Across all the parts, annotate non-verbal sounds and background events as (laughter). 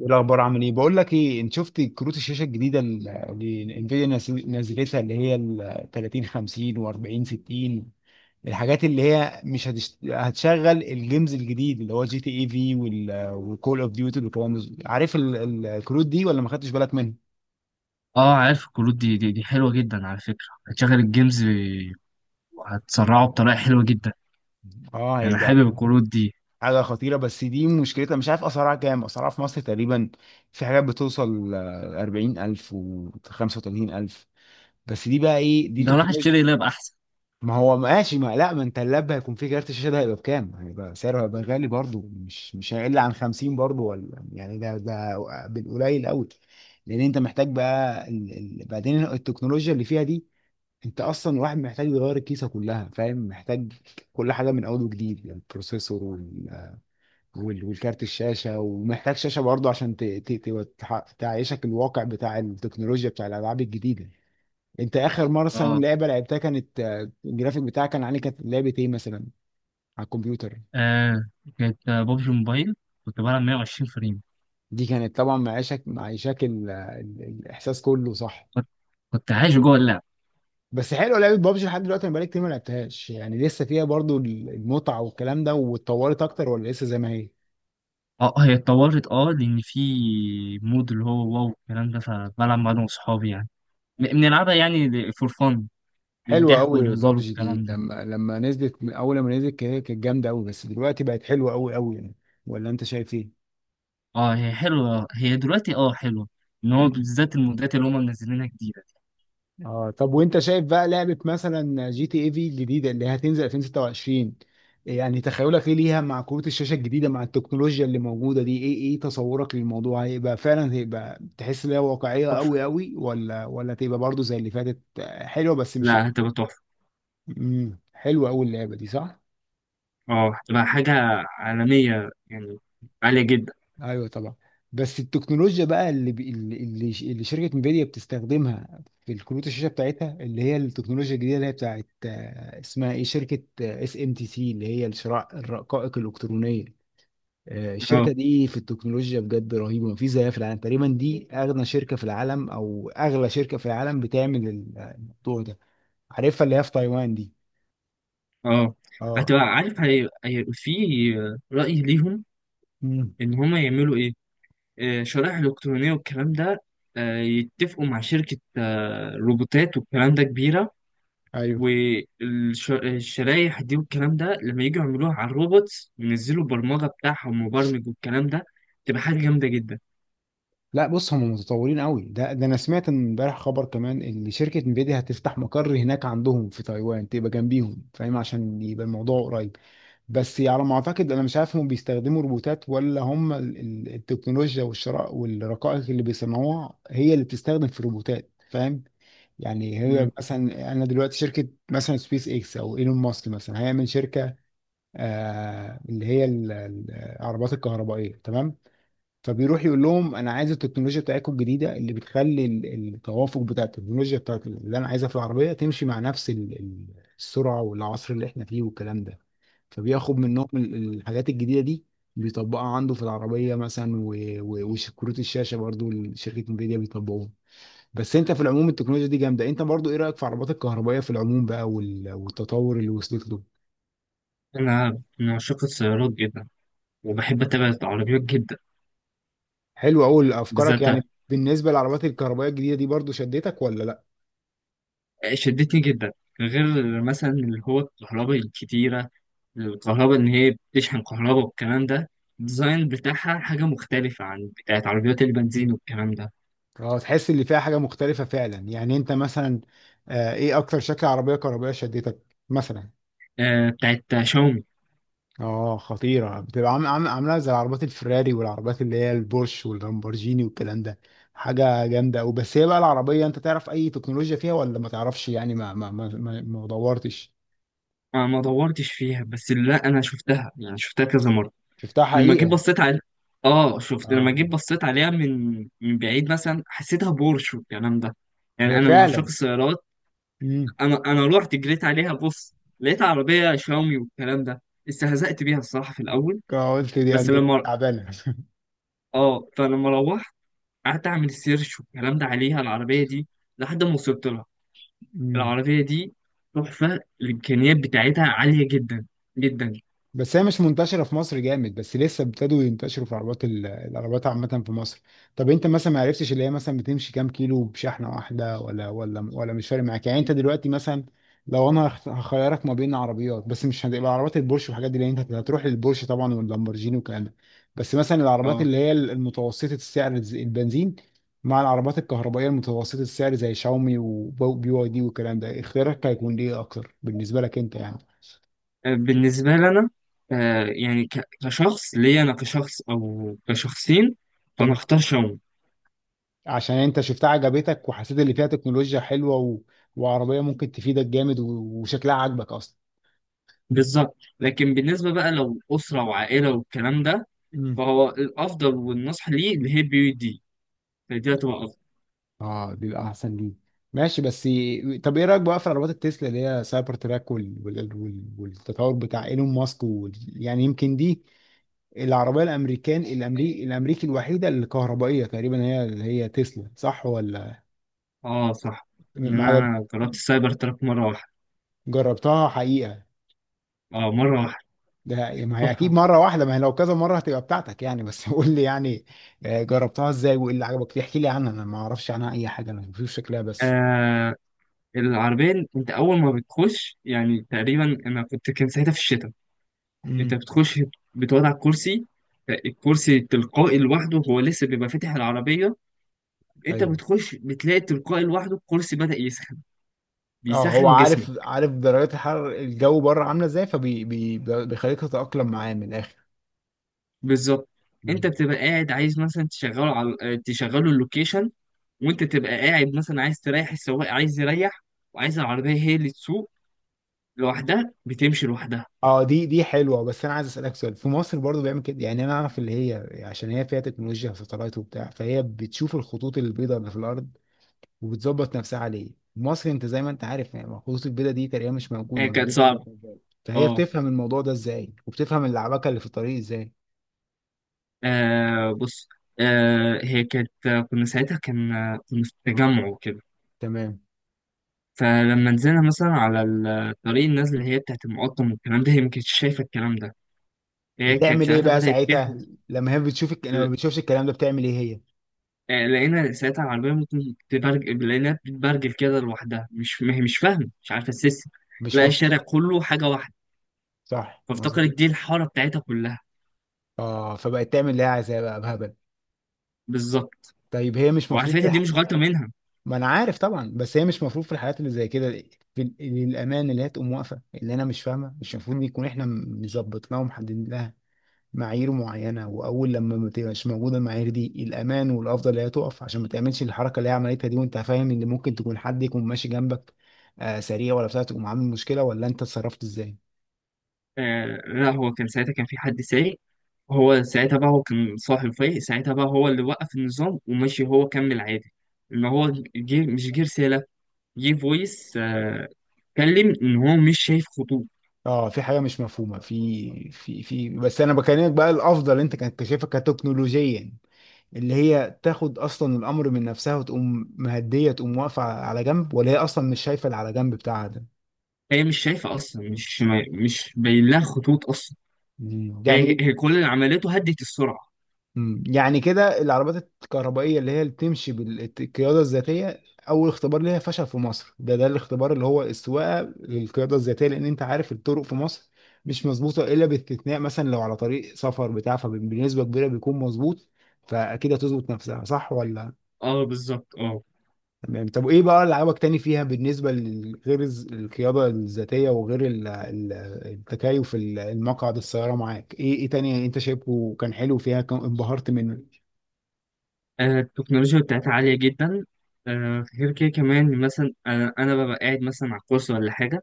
ايه الاخبار؟ عامل ايه؟ بقول لك ايه، انت شفت كروت الشاشه الجديده اللي انفيديا نزلتها اللي هي ال 30 50 و40 60؟ الحاجات اللي هي مش هتشت... هتشغل الجيمز الجديد اللي هو جي تي اي في والكول اوف ديوتي والكلام ده. عارف الكروت دي ولا ما خدتش بالك منها؟ اه، عارف الكروت دي دي حلوه جدا على فكره هتشغل الجيمز وهتسرعه بطريقه حلوه جدا. اه يعني أنا هيبقى حابب الكروت دي. حاجه خطيره، بس دي مشكلتها مش عارف اسعارها كام. اسعارها في مصر تقريبا في حاجات بتوصل 40,000 و 35,000. بس دي بقى ايه؟ دي ده راح تكنولوجيا. اشتري لاب احسن. ما هو ماشي، ما لا، ما انت اللاب هيكون فيه كارت الشاشه، ده هيبقى بكام؟ هيبقى سعره هيبقى غالي برضه، مش هيقل عن 50 برضه ولا؟ يعني ده بالقليل قوي. لان انت محتاج بقى بعدين التكنولوجيا اللي فيها دي. انت اصلا الواحد محتاج يغير الكيسه كلها، فاهم؟ محتاج كل حاجه من اول وجديد، يعني البروسيسور والكارت الشاشه، ومحتاج شاشه برضه عشان تعيشك الواقع بتاع التكنولوجيا بتاع الالعاب الجديده. انت اخر مره مثلا اه. لعبه لعبتها كانت الجرافيك بتاعها كان عليه، كانت لعبه ايه مثلا؟ على الكمبيوتر. آه، كانت بابجي موبايل. كنت بلعب 120 فريم. دي كانت طبعا معيشك، معيشك الاحساس كله، صح؟ كنت كنت عايش جوه اللعب. بس حلوه لعبه بابجي. لحد دلوقتي انا بقالي كتير ما لعبتهاش، يعني لسه فيها برضو المتعه والكلام ده؟ واتطورت اكتر ولا لسه زي ما هي؟ اه، هي اتطورت. اه، لان في مود اللي هو واو الكلام ده، فبلعب مع انا واصحابي يعني. بنلعبها يعني فور فن، حلوه للضحك قوي والهزار بابجي والكلام دي. ده. لما لما نزلت اول لما نزلت كده كانت جامده قوي، بس دلوقتي بقت حلوه قوي يعني. ولا انت شايف اه هي حلوه، هي دلوقتي اه حلوه، ان هو ايه؟ بالذات المودات اللي هم منزلينها جديده دي. اه. طب وانت شايف بقى لعبة مثلا جي تي اي في الجديدة اللي هتنزل 2026؟ يعني تخيلك ايه ليها مع كروت الشاشة الجديدة مع التكنولوجيا اللي موجودة دي؟ ايه تصورك للموضوع؟ هيبقى فعلا هيبقى تحس ان هي واقعية تحفه. قوي ولا تبقى برضو زي اللي فاتت حلوة بس مش؟ لا هتبقى تحفه. مم. حلوة قوي اللعبة دي صح؟ اه هتبقى حاجة عالمية يعني، عالية جدا. ايوه طبعا. بس التكنولوجيا بقى اللي بي- اللي اللي ش- اللي شركه انفيديا بتستخدمها في الكروت الشاشه بتاعتها، اللي هي التكنولوجيا الجديده اللي هي بتاعت اسمها ايه، شركه اس ام تي سي اللي هي الشراء الرقائق الالكترونيه. الشركه اه. دي في التكنولوجيا بجد رهيبه، مفيش زيها في العالم تقريبا. دي اغنى شركه في العالم او اغلى شركه في العالم بتعمل الموضوع ده. عارفها اللي هي في تايوان دي؟ اه اه. هتبقى عارف في رأي ليهم امم. إن هما يعملوا إيه، شرائح إلكترونية والكلام ده، يتفقوا مع شركة روبوتات والكلام ده كبيرة، ايوه. والشرايح دي والكلام ده لما يجوا يعملوها على الروبوتس وينزلوا البرمجة بتاعها ومبرمج والكلام ده، تبقى حاجة جامدة جدا. لا بص، هم متطورين قوي. ده انا سمعت إن امبارح خبر كمان ان شركه انفيديا هتفتح مقر هناك عندهم في تايوان تبقى جنبيهم، فاهم؟ عشان يبقى الموضوع قريب. بس على ما اعتقد انا مش عارف هم بيستخدموا روبوتات ولا هم التكنولوجيا والشراء والرقائق اللي بيصنعوها هي اللي بتستخدم في الروبوتات، فاهم؟ يعني هي مم. مثلا انا دلوقتي شركه مثلا سبيس اكس او ايلون ماسك مثلا هيعمل شركه اللي هي العربات الكهربائيه، تمام؟ فبيروح يقول لهم انا عايز التكنولوجيا بتاعتكم الجديده اللي بتخلي التوافق بتاع التكنولوجيا بتاعت اللي انا عايزها في العربيه تمشي مع نفس السرعه والعصر اللي احنا فيه والكلام ده. فبياخد منهم الحاجات الجديده دي، بيطبقها عنده في العربيه مثلا وكروت الشاشه برضو شركه انفيديا بيطبقوها. بس انت في العموم التكنولوجيا دي جامده. انت برضو ايه رايك في العربات الكهربائيه في العموم بقى والتطور اللي وصلت له؟ أنا من عشاق السيارات جدا وبحب أتابع العربيات جدا. حلو قوي افكارك. بالذات يعني بالنسبه للعربات الكهربائيه الجديده دي برضو شدتك ولا لا؟ شدتني جدا، غير مثلا اللي هو الكهرباء الكتيرة، الكهرباء إن هي بتشحن كهرباء والكلام ده. الديزاين بتاعها حاجة مختلفة عن بتاعت عربيات البنزين والكلام ده. اه تحس اللي فيها حاجة مختلفة فعلا يعني. انت مثلا آه، ايه اكتر شكل عربية كهربائية شدتك مثلا؟ آه، بتاعت شاومي. اه خطيرة بتبقى عاملة زي العربيات الفراري والعربيات اللي هي البورش واللامبورجيني والكلام ده. حاجة جامدة أوي. بس هي بقى العربية انت تعرف اي تكنولوجيا فيها ولا ما تعرفش يعني؟ ما دورتش. أنا ما دورتش فيها، بس لا أنا شفتها يعني، شفتها كذا مرة. شفتها لما جيت حقيقة؟ بصيت على آه، شفت لما اه جيت بصيت عليها من بعيد مثلا حسيتها بورش والكلام ده. يعني هي أنا من عشاق فعلا. السيارات. امم. أنا رحت جريت عليها بص، لقيت عربية شاومي والكلام ده. استهزأت بيها الصراحة في الأول. قلت دي بس اندرويد لما تعبانة. (laughs) اه، فلما روحت قعدت اعمل سيرش والكلام ده عليها، العربيه دي لحد ما وصلت لها. امم. العربيه دي تحفه، الامكانيات بتاعتها عاليه جدا جدا. بس هي مش منتشرة في مصر جامد، بس لسه ابتدوا ينتشروا في عربات العربات عامة في مصر. طب انت مثلا ما عرفتش اللي هي مثلا بتمشي كام كيلو بشحنة واحدة ولا مش فارق معاك يعني؟ انت دلوقتي مثلا لو انا هخيرك ما بين عربيات، بس مش هتبقى عربات البورش والحاجات دي لان انت هتروح للبورش طبعا واللامبورجيني والكلام ده، بس مثلا العربات اه اللي هي المتوسطة السعر البنزين مع العربات الكهربائية المتوسطة السعر زي شاومي وبي واي دي والكلام ده، اختيارك هيكون ايه اكتر بالنسبة لك انت يعني؟ بالنسبه لنا، يعني كشخص ليا، انا كشخص او كشخصين، فانا اختار شاومي. عشان انت شفتها عجبتك وحسيت اللي فيها تكنولوجيا حلوة وعربية ممكن تفيدك جامد وشكلها عاجبك اصلا. بالظبط. لكن بالنسبه بقى لو اسره وعائله والكلام ده، مم. فهو الافضل والنصح ليه اللي هي بي يو دي، فدي هتبقى افضل. اه بيبقى احسن ليه. ماشي، بس طب ايه رايك بقى في عربيات التسلا اللي هي سايبر تراك والتطور بتاع ايلون ماسك يعني يمكن دي العربيه، الامريكان الامريكي الامريكي الوحيده الكهربائيه تقريبا هي هي تسلا صح ولا؟ اه صح، م- ما لان عجب- انا جربت السايبر تراك مره واحده. جربتها حقيقه؟ اه مره واحده. ده يعني ما هي اكيد تحفة. مره واحده. ما هي لو كذا مره هتبقى بتاعتك يعني. بس (laughs) قول لي يعني. جربتها ازاي وايه اللي عجبك فيها؟ احكي لي عنها، انا ما اعرفش عنها اي حاجه، انا بشوف شكلها بس. آه، العربية انت اول ما بتخش يعني، تقريبا انا كنت، كان ساعتها في الشتاء، انت امم. بتخش بتقعد على الكرسي، الكرسي تلقائي لوحده، هو لسه بيبقى فاتح العربية. انت طيب. بتخش بتلاقي تلقائي لوحده الكرسي بدأ يسخن، اه هو بيسخن جسمك. عارف، عارف درجات الحرارة الجو بره عامله ازاي، فبي بي بيخليك تتاقلم معاه من الاخر. بالظبط. انت مم. بتبقى قاعد عايز مثلا تشغله على تشغله اللوكيشن، وانت تبقى قاعد مثلا عايز تريح السواق، عايز يريح، وعايز العربية هي اللي تسوق لوحدها، بتمشي لوحدها. اه دي حلوه. بس انا عايز اسالك سؤال، في مصر برضو بيعمل كده؟ يعني انا اعرف اللي هي عشان هي فيها تكنولوجيا وساتلايت وبتاع، فهي بتشوف الخطوط البيضاء اللي في الارض وبتظبط نفسها عليه. مصر انت زي ما انت عارف يعني خطوط البيضاء دي تقريبا مش هي موجوده، كانت موجوده اما صعبة. موبايل. فهي اه. بتفهم الموضوع ده ازاي وبتفهم اللعبكه اللي في الطريق ازاي؟ آه بص، آه هي كانت، كنا ساعتها كان، كنا في تجمع وكده. تمام. فلما نزلنا مثلا على الطريق النازل اللي هي بتاعت المقطم والكلام ده، هي ما كانتش شايفة الكلام ده. هي كانت بتعمل ايه ساعتها بقى بدأت تحب. ساعتها لما هي بتشوفش الكلام ده؟ بتعمل ايه هي؟ لقينا ساعتها العربية ممكن تبرج، لقيناها بتبرجل كده لوحدها، مش ما هي مش فاهمة، مش عارفة السيستم، مش لقى مف... الشارع كله حاجة واحدة، صح، فافتكرت مظبوط. دي الحارة بتاعتها كلها. اه فبقت تعمل اللي هي عايزاه بقى بهبل. بالظبط. طيب هي مش وعلى مفروض فكرة دي مش غلطة منها. ما انا عارف طبعا، بس هي مش مفروض في الحالات اللي زي كده في الامان اللي هي تقوم واقفه؟ اللي انا مش فاهمه، مش المفروض يكون احنا مظبطناها ومحددين لها معايير معينه، واول لما ما تبقاش موجوده المعايير دي الامان والافضل اللي هي تقف عشان ما تعملش الحركه اللي هي عملتها دي، وانت فاهم ان ممكن تكون حد يكون ماشي جنبك آه سريع ولا بتاع، تقوم عامل مشكله. ولا انت اتصرفت ازاي؟ آه لا، هو كان ساعتها كان في حد سايق، هو ساعتها بقى هو كان صاحب فايق، ساعتها بقى هو اللي وقف النظام ومشي هو كمل عادي. ان هو جه، مش جه رسالة، جه فويس آه، كلم ان هو مش شايف خطوط. اه، في حاجه مش مفهومه في في في بس انا بكلمك بقى، الافضل انت كنت شايفها كتكنولوجيا اللي هي تاخد اصلا الامر من نفسها وتقوم مهديه، تقوم واقفه على جنب، ولا هي اصلا مش شايفه اللي على جنب بتاعها ده؟ هي مش شايفة اصلا، مش مش باين لها خطوط اصلا. مم. هي يعني. هي كل اللي عملته هدت السرعة. مم. يعني كده العربيات الكهربائية اللي هي اللي بتمشي بالقيادة الذاتية أول اختبار ليها فشل في مصر. ده الاختبار اللي هو السواقة للقيادة الذاتية، لأن أنت عارف الطرق في مصر مش مظبوطة إلا باستثناء مثلا لو على طريق سفر بتاع، فبنسبة كبيرة بيكون مظبوط. فأكيد هتظبط نفسها، صح ولا؟ اه بالظبط اه. تمام. طب إيه بقى اللي عجبك تاني فيها بالنسبة لغير القيادة الذاتية وغير التكيف المقعد السيارة معاك؟ إيه تاني أنت شايفه كان حلو فيها كان انبهرت منه؟ آه، التكنولوجيا بتاعتها عالية جدا. غير كده كمان مثلا، انا ببقى قاعد مثلا على الكرسي ولا حاجة،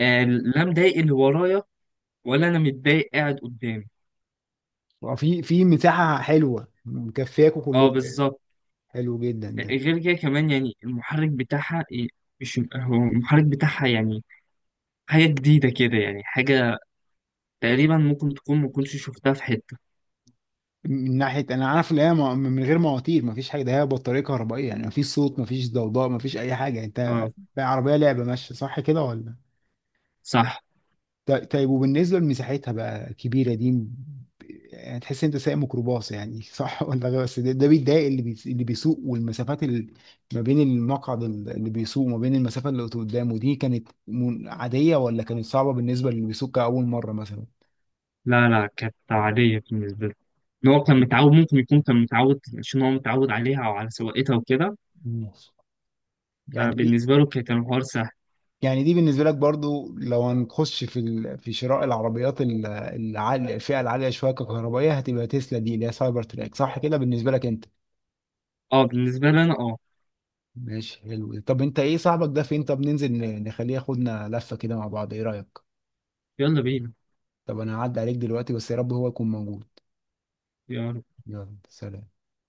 لا مضايق اللي ورايا ولا انا متضايق قاعد قدامي. آه، في مساحة حلوة مكفياكوا اه كلكم يعني. بالظبط. حلو جدا ده. غير كده كمان يعني المحرك بتاعها إيه، مش هو المحرك بتاعها يعني حاجة جديدة كده، يعني حاجة تقريبا ممكن تكون ما كنتش شفتها في حتة. من ناحية أنا عارف إن هي من غير مواتير مفيش حاجة، ده هي بطارية كهربائية يعني مفيش صوت مفيش ضوضاء مفيش أي حاجة. أنت اه بقى عربية لعبة ماشية، صح كده ولا؟ صح. طيب، وبالنسبة لمساحتها بقى كبيرة دي يعني تحس أنت سايق ميكروباص يعني، صح؟ (laughs) ولا غير، بس ده بيتضايق اللي بيسوق؟ والمسافات اللي ما بين المقعد اللي بيسوق وما بين المسافة اللي قدامه دي كانت عادية ولا كانت صعبة بالنسبة للي بيسوق كأول مرة مثلا؟ لا لا كانت عادية بالنسبة له، ان هو كان متعود، ممكن يكون كان متعود عشان هو متعود عليها او على سواقتها وكده. ماشي. يعني دي فبالنسبة له كانت الحوار سهل. يعني دي بالنسبة لك برضو لو هنخش في في شراء العربيات العالية، الفئة العالية شوية ككهربائية، هتبقى تسلا دي اللي هي سايبر تراك، صح كده بالنسبة لك انت؟ اه بالنسبة لي انا اه. ماشي حلو ده. طب انت ايه، صاحبك ده فين؟ طب ننزل نخليه ياخدنا لفة كده مع بعض، ايه رأيك؟ يلا بينا. طب انا هعدي عليك دلوقتي، بس يا رب هو يكون موجود. يلا. يلا سلام.